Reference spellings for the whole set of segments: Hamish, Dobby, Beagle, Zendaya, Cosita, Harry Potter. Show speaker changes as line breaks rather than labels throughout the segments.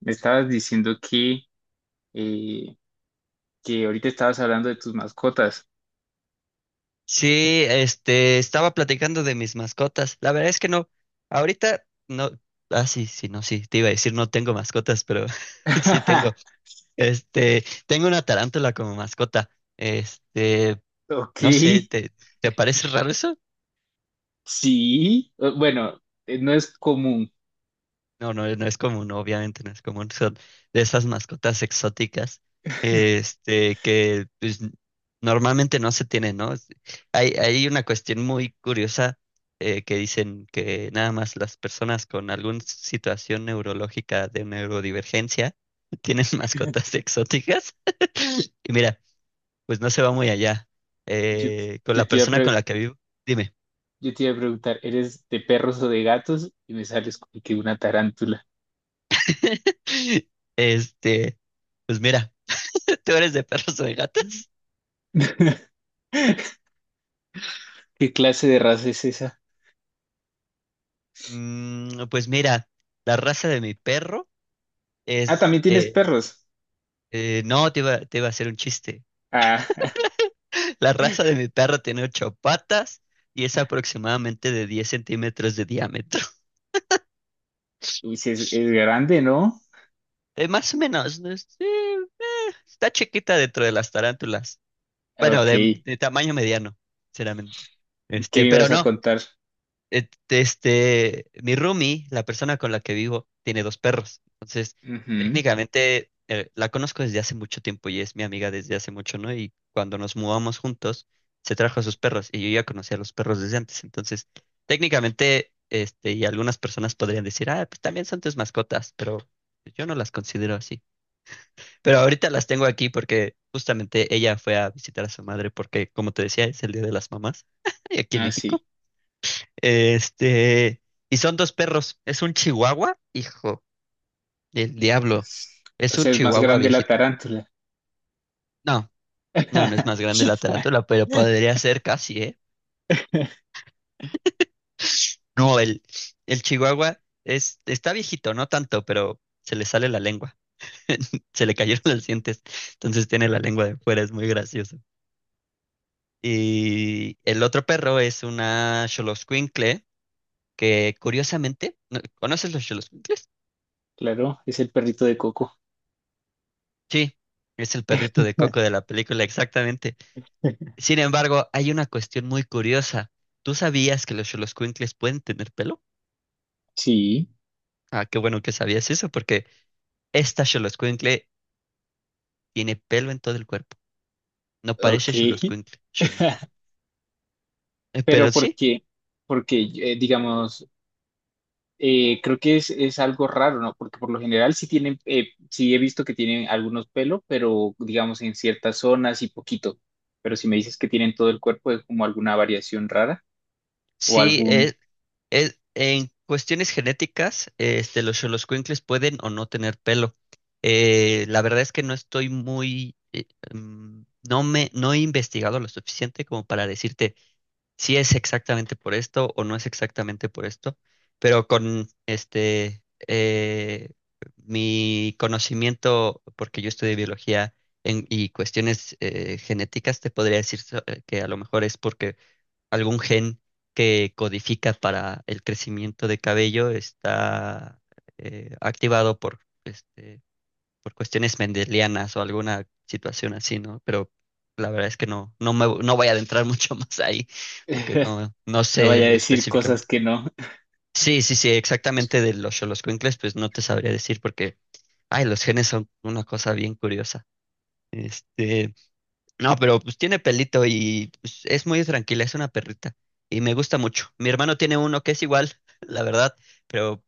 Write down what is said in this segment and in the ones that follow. Me estabas diciendo eh, que ahorita estabas hablando de tus mascotas.
Sí, estaba platicando de mis mascotas. La verdad es que no, ahorita no, sí, sí, no, sí, te iba a decir no tengo mascotas, pero sí tengo. Tengo una tarántula como mascota. Este,
Ok,
no sé, ¿te parece raro eso?
sí. Bueno, no es común.
No, no, no es común, obviamente no es común. Son de esas mascotas exóticas, que pues, normalmente no se tienen, ¿no? Hay una cuestión muy curiosa que dicen que nada más las personas con alguna situación neurológica de neurodivergencia tienen mascotas exóticas. Y mira, pues no se va muy allá.
Yo, t-
Con
yo
la
te iba a
persona con
pre-
la que vivo, dime,
yo te iba a preguntar, ¿eres de perros o de gatos? Y me sales con que una tarántula.
este, pues mira, ¿tú eres de perros o de gatos?
¿Qué clase de raza es esa?
Pues mira, la raza de mi perro
Ah,
es...
también tienes
eh,
perros.
no, te iba a hacer un chiste.
Ah,
La raza de mi perro tiene ocho patas y es aproximadamente de 10 centímetros de diámetro.
uy, sí es grande, ¿no?
Más o menos, ¿no? Sí, está chiquita dentro de las tarántulas.
Ok,
Bueno, de,
¿qué
de tamaño mediano, sinceramente.
me
Pero
ibas a
no,
contar?
Mi roomie, la persona con la que vivo, tiene dos perros. Entonces,
Ujú.
técnicamente la conozco desde hace mucho tiempo y es mi amiga desde hace mucho, ¿no? Y cuando nos mudamos juntos, se trajo a sus perros y yo ya conocía a los perros desde antes. Entonces, técnicamente, y algunas personas podrían decir, ah, pues también son tus mascotas, pero yo no las considero así. Pero ahorita las tengo aquí porque justamente ella fue a visitar a su madre porque, como te decía, es el Día de las Mamás aquí en
Ah, sí.
México. Este, y son dos perros. Es un chihuahua, hijo del diablo.
O
Es un
sea, es más
chihuahua
grande la
viejito.
tarántula.
No, no, no es más grande la tarántula, pero podría ser casi, ¿eh? No, el chihuahua está viejito, no tanto, pero se le sale la lengua. Se le cayeron los dientes. Entonces tiene la lengua de fuera, es muy gracioso. Y el otro perro es una xoloscuincle que curiosamente, ¿conoces los xoloscuincles?
Claro, es el perrito de Coco.
Sí, es el perrito de Coco de la película, exactamente. Sin embargo, hay una cuestión muy curiosa. ¿Tú sabías que los xoloscuincles pueden tener pelo?
Sí,
Ah, qué bueno que sabías eso, porque esta xoloscuincle tiene pelo en todo el cuerpo. No
ok.
parece xoloscuincle, xoloscuincle.
Pero
Pero sí,
porque digamos, creo que es algo raro, ¿no? Porque por lo general sí tienen, sí he visto que tienen algunos pelos, pero digamos en ciertas zonas y poquito. Pero si me dices que tienen todo el cuerpo, es como alguna variación rara o
sí,
algún,
en cuestiones genéticas, los xoloscuincles pueden o no tener pelo. La verdad es que no estoy muy, mm, no he investigado lo suficiente como para decirte. Si es exactamente por esto o no es exactamente por esto, pero con eh, mi conocimiento, porque yo estudié biología y cuestiones genéticas, te podría decir que a lo mejor es porque algún gen que codifica para el crecimiento de cabello está activado por cuestiones mendelianas o alguna situación así, ¿no? Pero la verdad es que no, no voy a adentrar mucho más ahí, porque no, no
no vaya a
sé
decir cosas
específicamente.
que no.
Sí, sí, sí, exactamente de los xoloscuincles, pues no te sabría decir porque, ay, los genes son una cosa bien curiosa. Este, no, pero pues tiene pelito y pues, es muy tranquila, es una perrita y me gusta mucho. Mi hermano tiene uno que es igual, la verdad, pero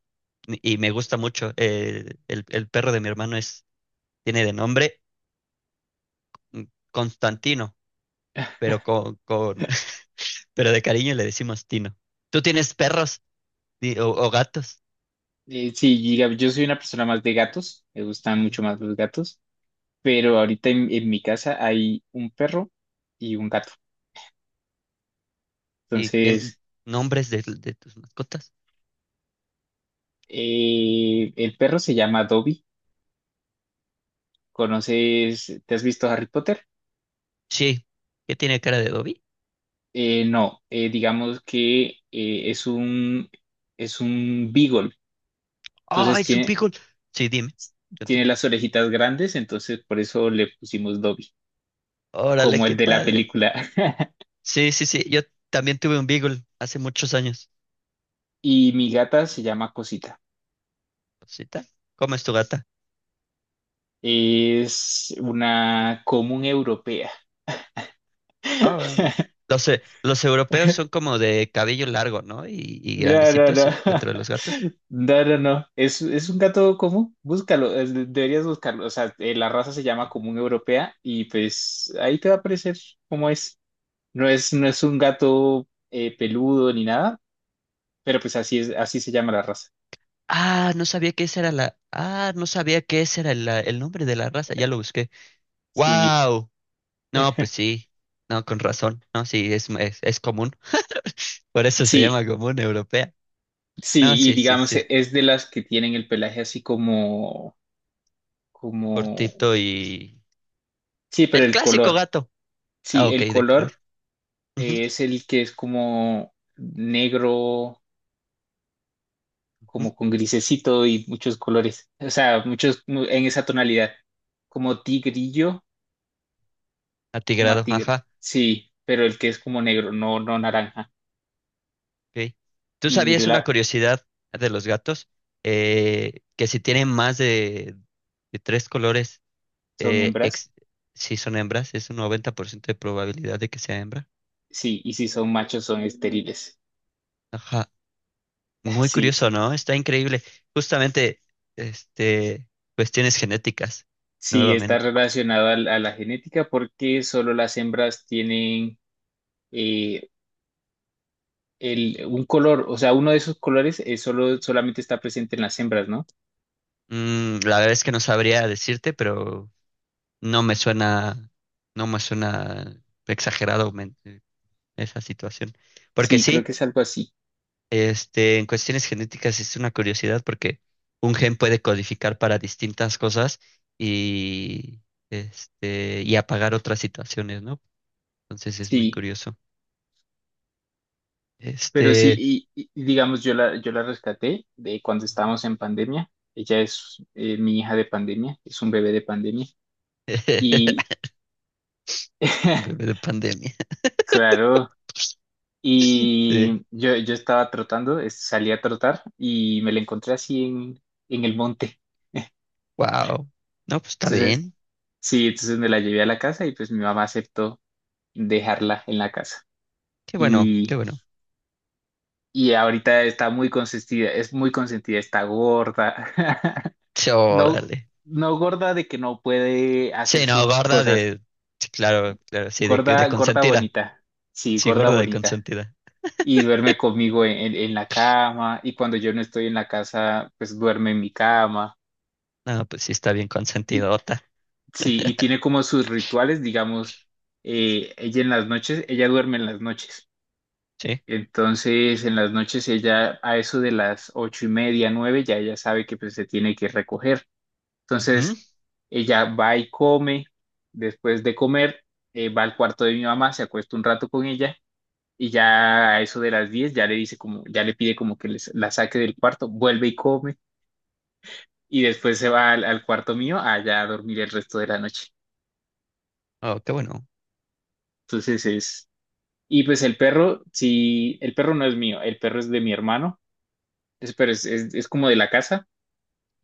y me gusta mucho. El perro de mi hermano tiene de nombre mm, Constantino, pero con, con- pero de cariño le decimos Tino. ¿Tú tienes perros o gatos?
Sí, diga- Yo soy una persona más de gatos, me gustan
Ujú.
mucho más los gatos. Pero ahorita en mi casa hay un perro y un gato.
¿Y qué
Entonces,
nombres de tus mascotas?
el perro se llama Dobby. ¿Conoces, te has visto Harry Potter?
Sí. ¿Qué tiene cara de Dobby?
No, Digamos que eh, es un, es un beagle.
¡Ah,
Entonces
es un
tiene,
beagle! Sí, dime.
Tiene
Continúa.
las orejitas grandes, entonces por eso le pusimos Dobby,
Órale,
como el
qué
de la
padre.
película.
Sí, sí, sí. Yo también tuve un beagle hace muchos años.
Y mi gata se llama Cosita.
Rosita, ¿cómo es tu gata?
Es una común europea.
Ah, bueno, los europeos son como de cabello largo, ¿no? Y
No, no, no.
grandecitos dentro de los gatos.
No, no, no. Es un gato común. Búscalo. Deberías buscarlo. O sea, la raza se llama común europea y pues ahí te va a aparecer cómo es. No es un gato peludo ni nada, pero pues así es, así se llama la raza.
Ah, no sabía que esa era la. Ah, no sabía que ese era el nombre de la raza. Ya lo busqué.
Sí,
¡Wow! No, pues sí. No, con razón. No, sí, es común. Por eso se
sí,
llama común europea. No,
sí. Y
sí, sí,
digamos,
sí.
es de las que tienen el pelaje así como,
Cortito y.
sí, pero
Del
el
clásico
color.
gato. Ah,
Sí,
ok,
el
de color.
color
Ujú,
es el que es como negro
ujú,
como con grisecito y muchos colores, o sea, en esa tonalidad, como
ok.
tigrillo, como a
Atigrado,
tigre,
ajá.
sí, pero el que es como negro, no naranja,
Ok. ¿Tú
y
sabías una
la-
curiosidad de los gatos? Que si tienen más de tres colores.
son
Eh,
hembras,
ex- si son hembras, es un 90% de probabilidad de que sea hembra.
sí, y si son machos son estériles,
Ajá. Muy
sí,
curioso,
sí,
¿no? Está increíble. Justamente, este, cuestiones genéticas,
sí, está
nuevamente.
relacionado a la genética porque solo las hembras tienen eh, un color, o sea, uno de esos colores solamente está presente en las hembras, ¿no?
La verdad es que no sabría decirte, pero no me suena, no me suena exagerado esa situación. Porque
Sí, creo
sí,
que es algo así,
En cuestiones genéticas es una curiosidad porque un gen puede codificar para distintas cosas y, y apagar otras situaciones, ¿no? Entonces es muy
sí.
curioso.
Pero sí,
Este,
y digamos, yo la rescaté de cuando estábamos en pandemia. Ella es mi hija de pandemia, es un bebé de pandemia. Y
un bebé de pandemia.
claro,
Sí.
yo estaba trotando, salí a trotar y me la encontré así en el monte.
Wow. No, pues está
Entonces,
bien.
sí, entonces me la llevé a la casa y pues mi mamá aceptó dejarla en la casa.
Qué bueno, qué
Y,
bueno.
y ahorita está muy consentida, es muy consentida, está gorda.
Sí,
No,
órale.
no gorda de que no puede hacer
Sí, no,
sus
gorda
cosas.
de. Sí, claro, claro, sí, de
Gorda, gorda
consentida.
bonita. Sí,
Sí,
gorda
gorda de
bonita.
consentida.
Y duerme conmigo en la cama. Y cuando yo no estoy en la casa, pues duerme en mi cama.
No, pues sí está bien
Y
consentidota.
sí, y tiene como sus rituales, digamos, ella en las noches, ella duerme en las noches.
Sí.
Entonces, en las noches ella, a eso de las ocho y media, nueve, ya ella sabe que pues se tiene que recoger.
Ujú.
Entonces, ella va y come, después de comer, va al cuarto de mi mamá, se acuesta un rato con ella y ya a eso de las 10 ya le dice como, ya le pide como que la saque del cuarto, vuelve y come y después se va al cuarto mío allá a dormir el resto de la noche.
Oh, qué bueno.
Entonces es, y pues el perro, sí, el perro no es mío, el perro es de mi hermano, pero es como de la casa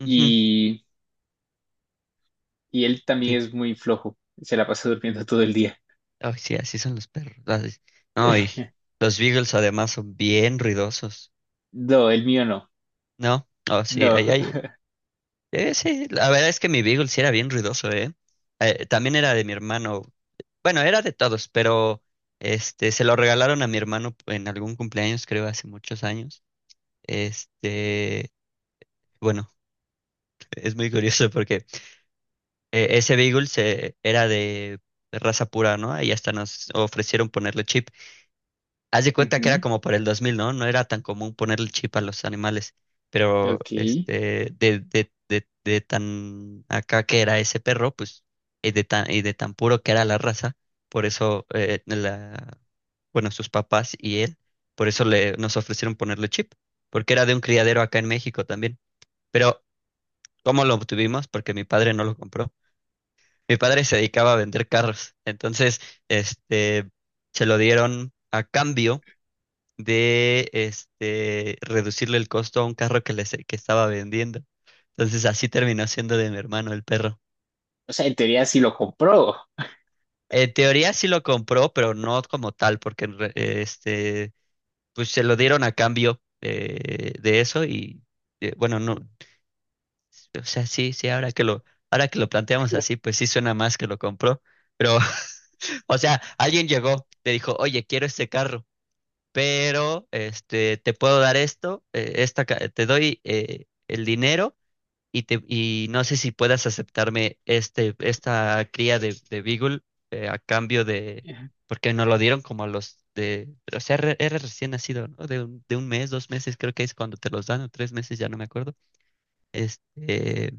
y, y él también
Sí,
es muy flojo, se la pasa durmiendo todo el día.
ay, sí, así son los perros. Ay, no, y los beagles además son bien ruidosos.
No, el mío no,
¿No? Oh, sí, ahí
no.
hay. Sí, la verdad es que mi beagle sí era bien ruidoso, ¿eh? También era de mi hermano. Bueno, era de todos, pero este se lo regalaron a mi hermano en algún cumpleaños, creo, hace muchos años. Este, bueno, es muy curioso porque ese beagle era de raza pura, ¿no? Y hasta nos ofrecieron ponerle chip. Haz de cuenta que era como para el 2000, ¿no? No era tan común ponerle chip a los animales, pero
Ok.
de tan acá que era ese perro, pues, y de tan puro que era la raza, por eso, bueno, sus papás y él, por eso nos ofrecieron ponerle chip, porque era de un criadero acá en México también. Pero, ¿cómo lo obtuvimos? Porque mi padre no lo compró. Mi padre se dedicaba a vender carros, entonces, este, se lo dieron a cambio de reducirle el costo a un carro que estaba vendiendo. Entonces así terminó siendo de mi hermano el perro.
O sea, en teoría sí lo compró.
En teoría sí lo compró, pero no como tal, porque pues se lo dieron a cambio de eso y bueno, no, o sea, sí, sí, ahora que lo planteamos así, pues sí suena más que lo compró. Pero, o sea, alguien llegó, le dijo, oye, quiero este carro, pero te puedo dar esto, te doy el dinero y no sé si puedas aceptarme esta cría de Beagle a cambio de,
Ajá.
porque nos lo dieron como a los de, o sea, era recién nacido, ¿no? De un mes, 2 meses, creo que es cuando te los dan, o 3 meses, ya no me acuerdo, este,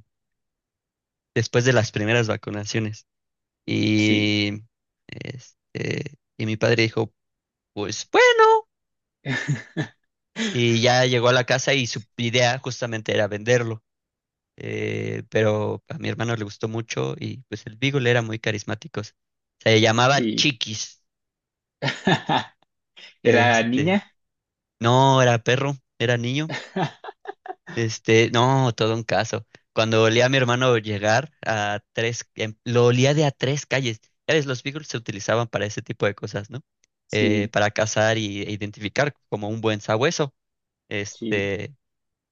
después de las primeras vacunaciones.
Sí.
Y, y mi padre dijo, pues bueno, y ya llegó a la casa y su idea justamente era venderlo. Pero a mi hermano le gustó mucho y pues el Beagle era muy carismático. Se llamaba
Sí.
Chiquis.
¿Era
Este,
niña?
no era perro, era niño. No, todo un caso. Cuando olía a mi hermano llegar a tres, lo olía de a tres calles. Ya ves, los Beagles se utilizaban para ese tipo de cosas, ¿no? Eh,
Sí,
para cazar e identificar como un buen sabueso.
sí.
Este,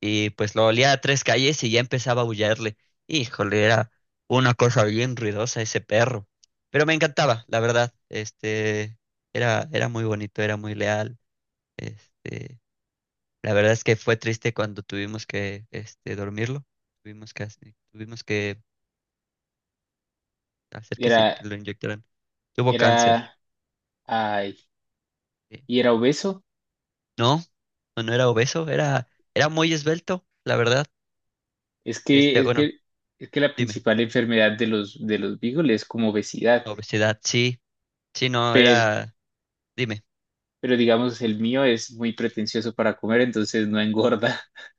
y pues lo olía a tres calles y ya empezaba a aullarle. Híjole, era una cosa bien ruidosa ese perro. Pero me encantaba, la verdad. Era muy bonito, era muy leal. Este, la verdad es que fue triste cuando tuvimos que, dormirlo. Tuvimos que hacer que, se,
Era,
que lo inyectaran. Tuvo cáncer.
era, ay,
Eh,
y era obeso.
No, no no era obeso, era muy esbelto, la verdad.
Es que,
Este,
es
bueno,
que, es que la
dime,
principal enfermedad de los beagles es como obesidad.
obesidad, sí, sí, no,
Pero,
era, dime.
pero digamos, el mío es muy pretencioso para comer, entonces no engorda.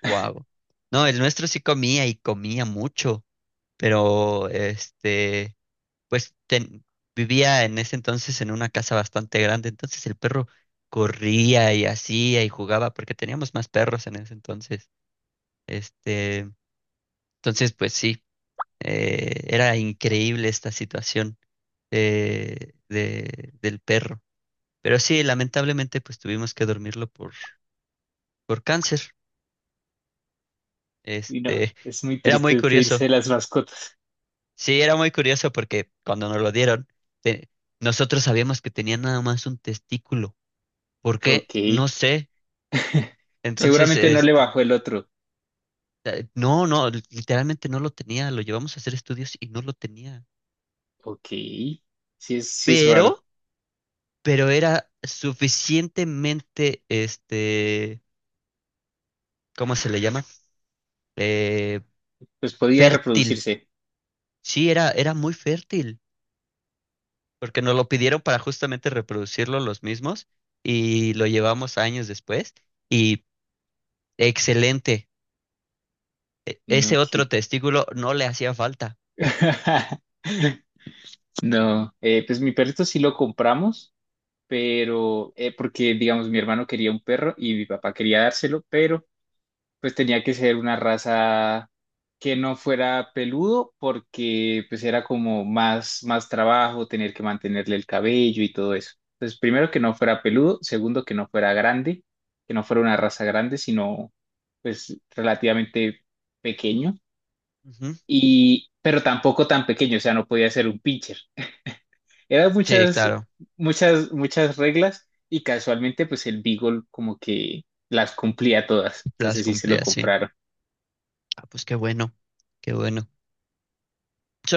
Wow. No, el nuestro sí comía y comía mucho, pero pues vivía en ese entonces en una casa bastante grande, entonces el perro corría y hacía y jugaba porque teníamos más perros en ese entonces. Este, entonces pues sí, era increíble esta situación del perro. Pero sí, lamentablemente pues tuvimos que dormirlo por cáncer.
Y no,
Este,
es muy
era
triste
muy
despedirse
curioso.
de las mascotas.
Sí, era muy curioso porque cuando nos lo dieron, te- nosotros sabíamos que tenía nada más un testículo. ¿Por qué?
Ok.
No sé. Entonces,
Seguramente no le bajó el otro.
no, no, literalmente no lo tenía. Lo llevamos a hacer estudios y no lo tenía.
Ok, sí sí es raro.
Pero, pero era suficientemente, ¿cómo se le llama? Eh,
Pues podía
fértil.
reproducirse.
Sí, era muy fértil, porque nos lo pidieron para justamente reproducirlo los mismos y lo llevamos años después y excelente.
No,
Ese
ok.
otro testículo no le hacía falta.
No, pues mi perrito sí lo compramos, pero porque digamos mi hermano quería un perro y mi papá quería dárselo, pero pues tenía que ser una raza que no fuera peludo porque pues era como más, más trabajo tener que mantenerle el cabello y todo eso. Entonces, primero que no fuera peludo, segundo que no fuera grande, que no fuera una raza grande, sino pues relativamente pequeño
Ujú.
y pero tampoco tan pequeño, o sea, no podía ser un pincher. Eran
Sí,
muchas
claro,
muchas muchas reglas y casualmente pues el Beagle como que las cumplía todas.
las
Entonces sí se lo
cumplía, sí.
compraron.
Ah, pues qué bueno, qué bueno.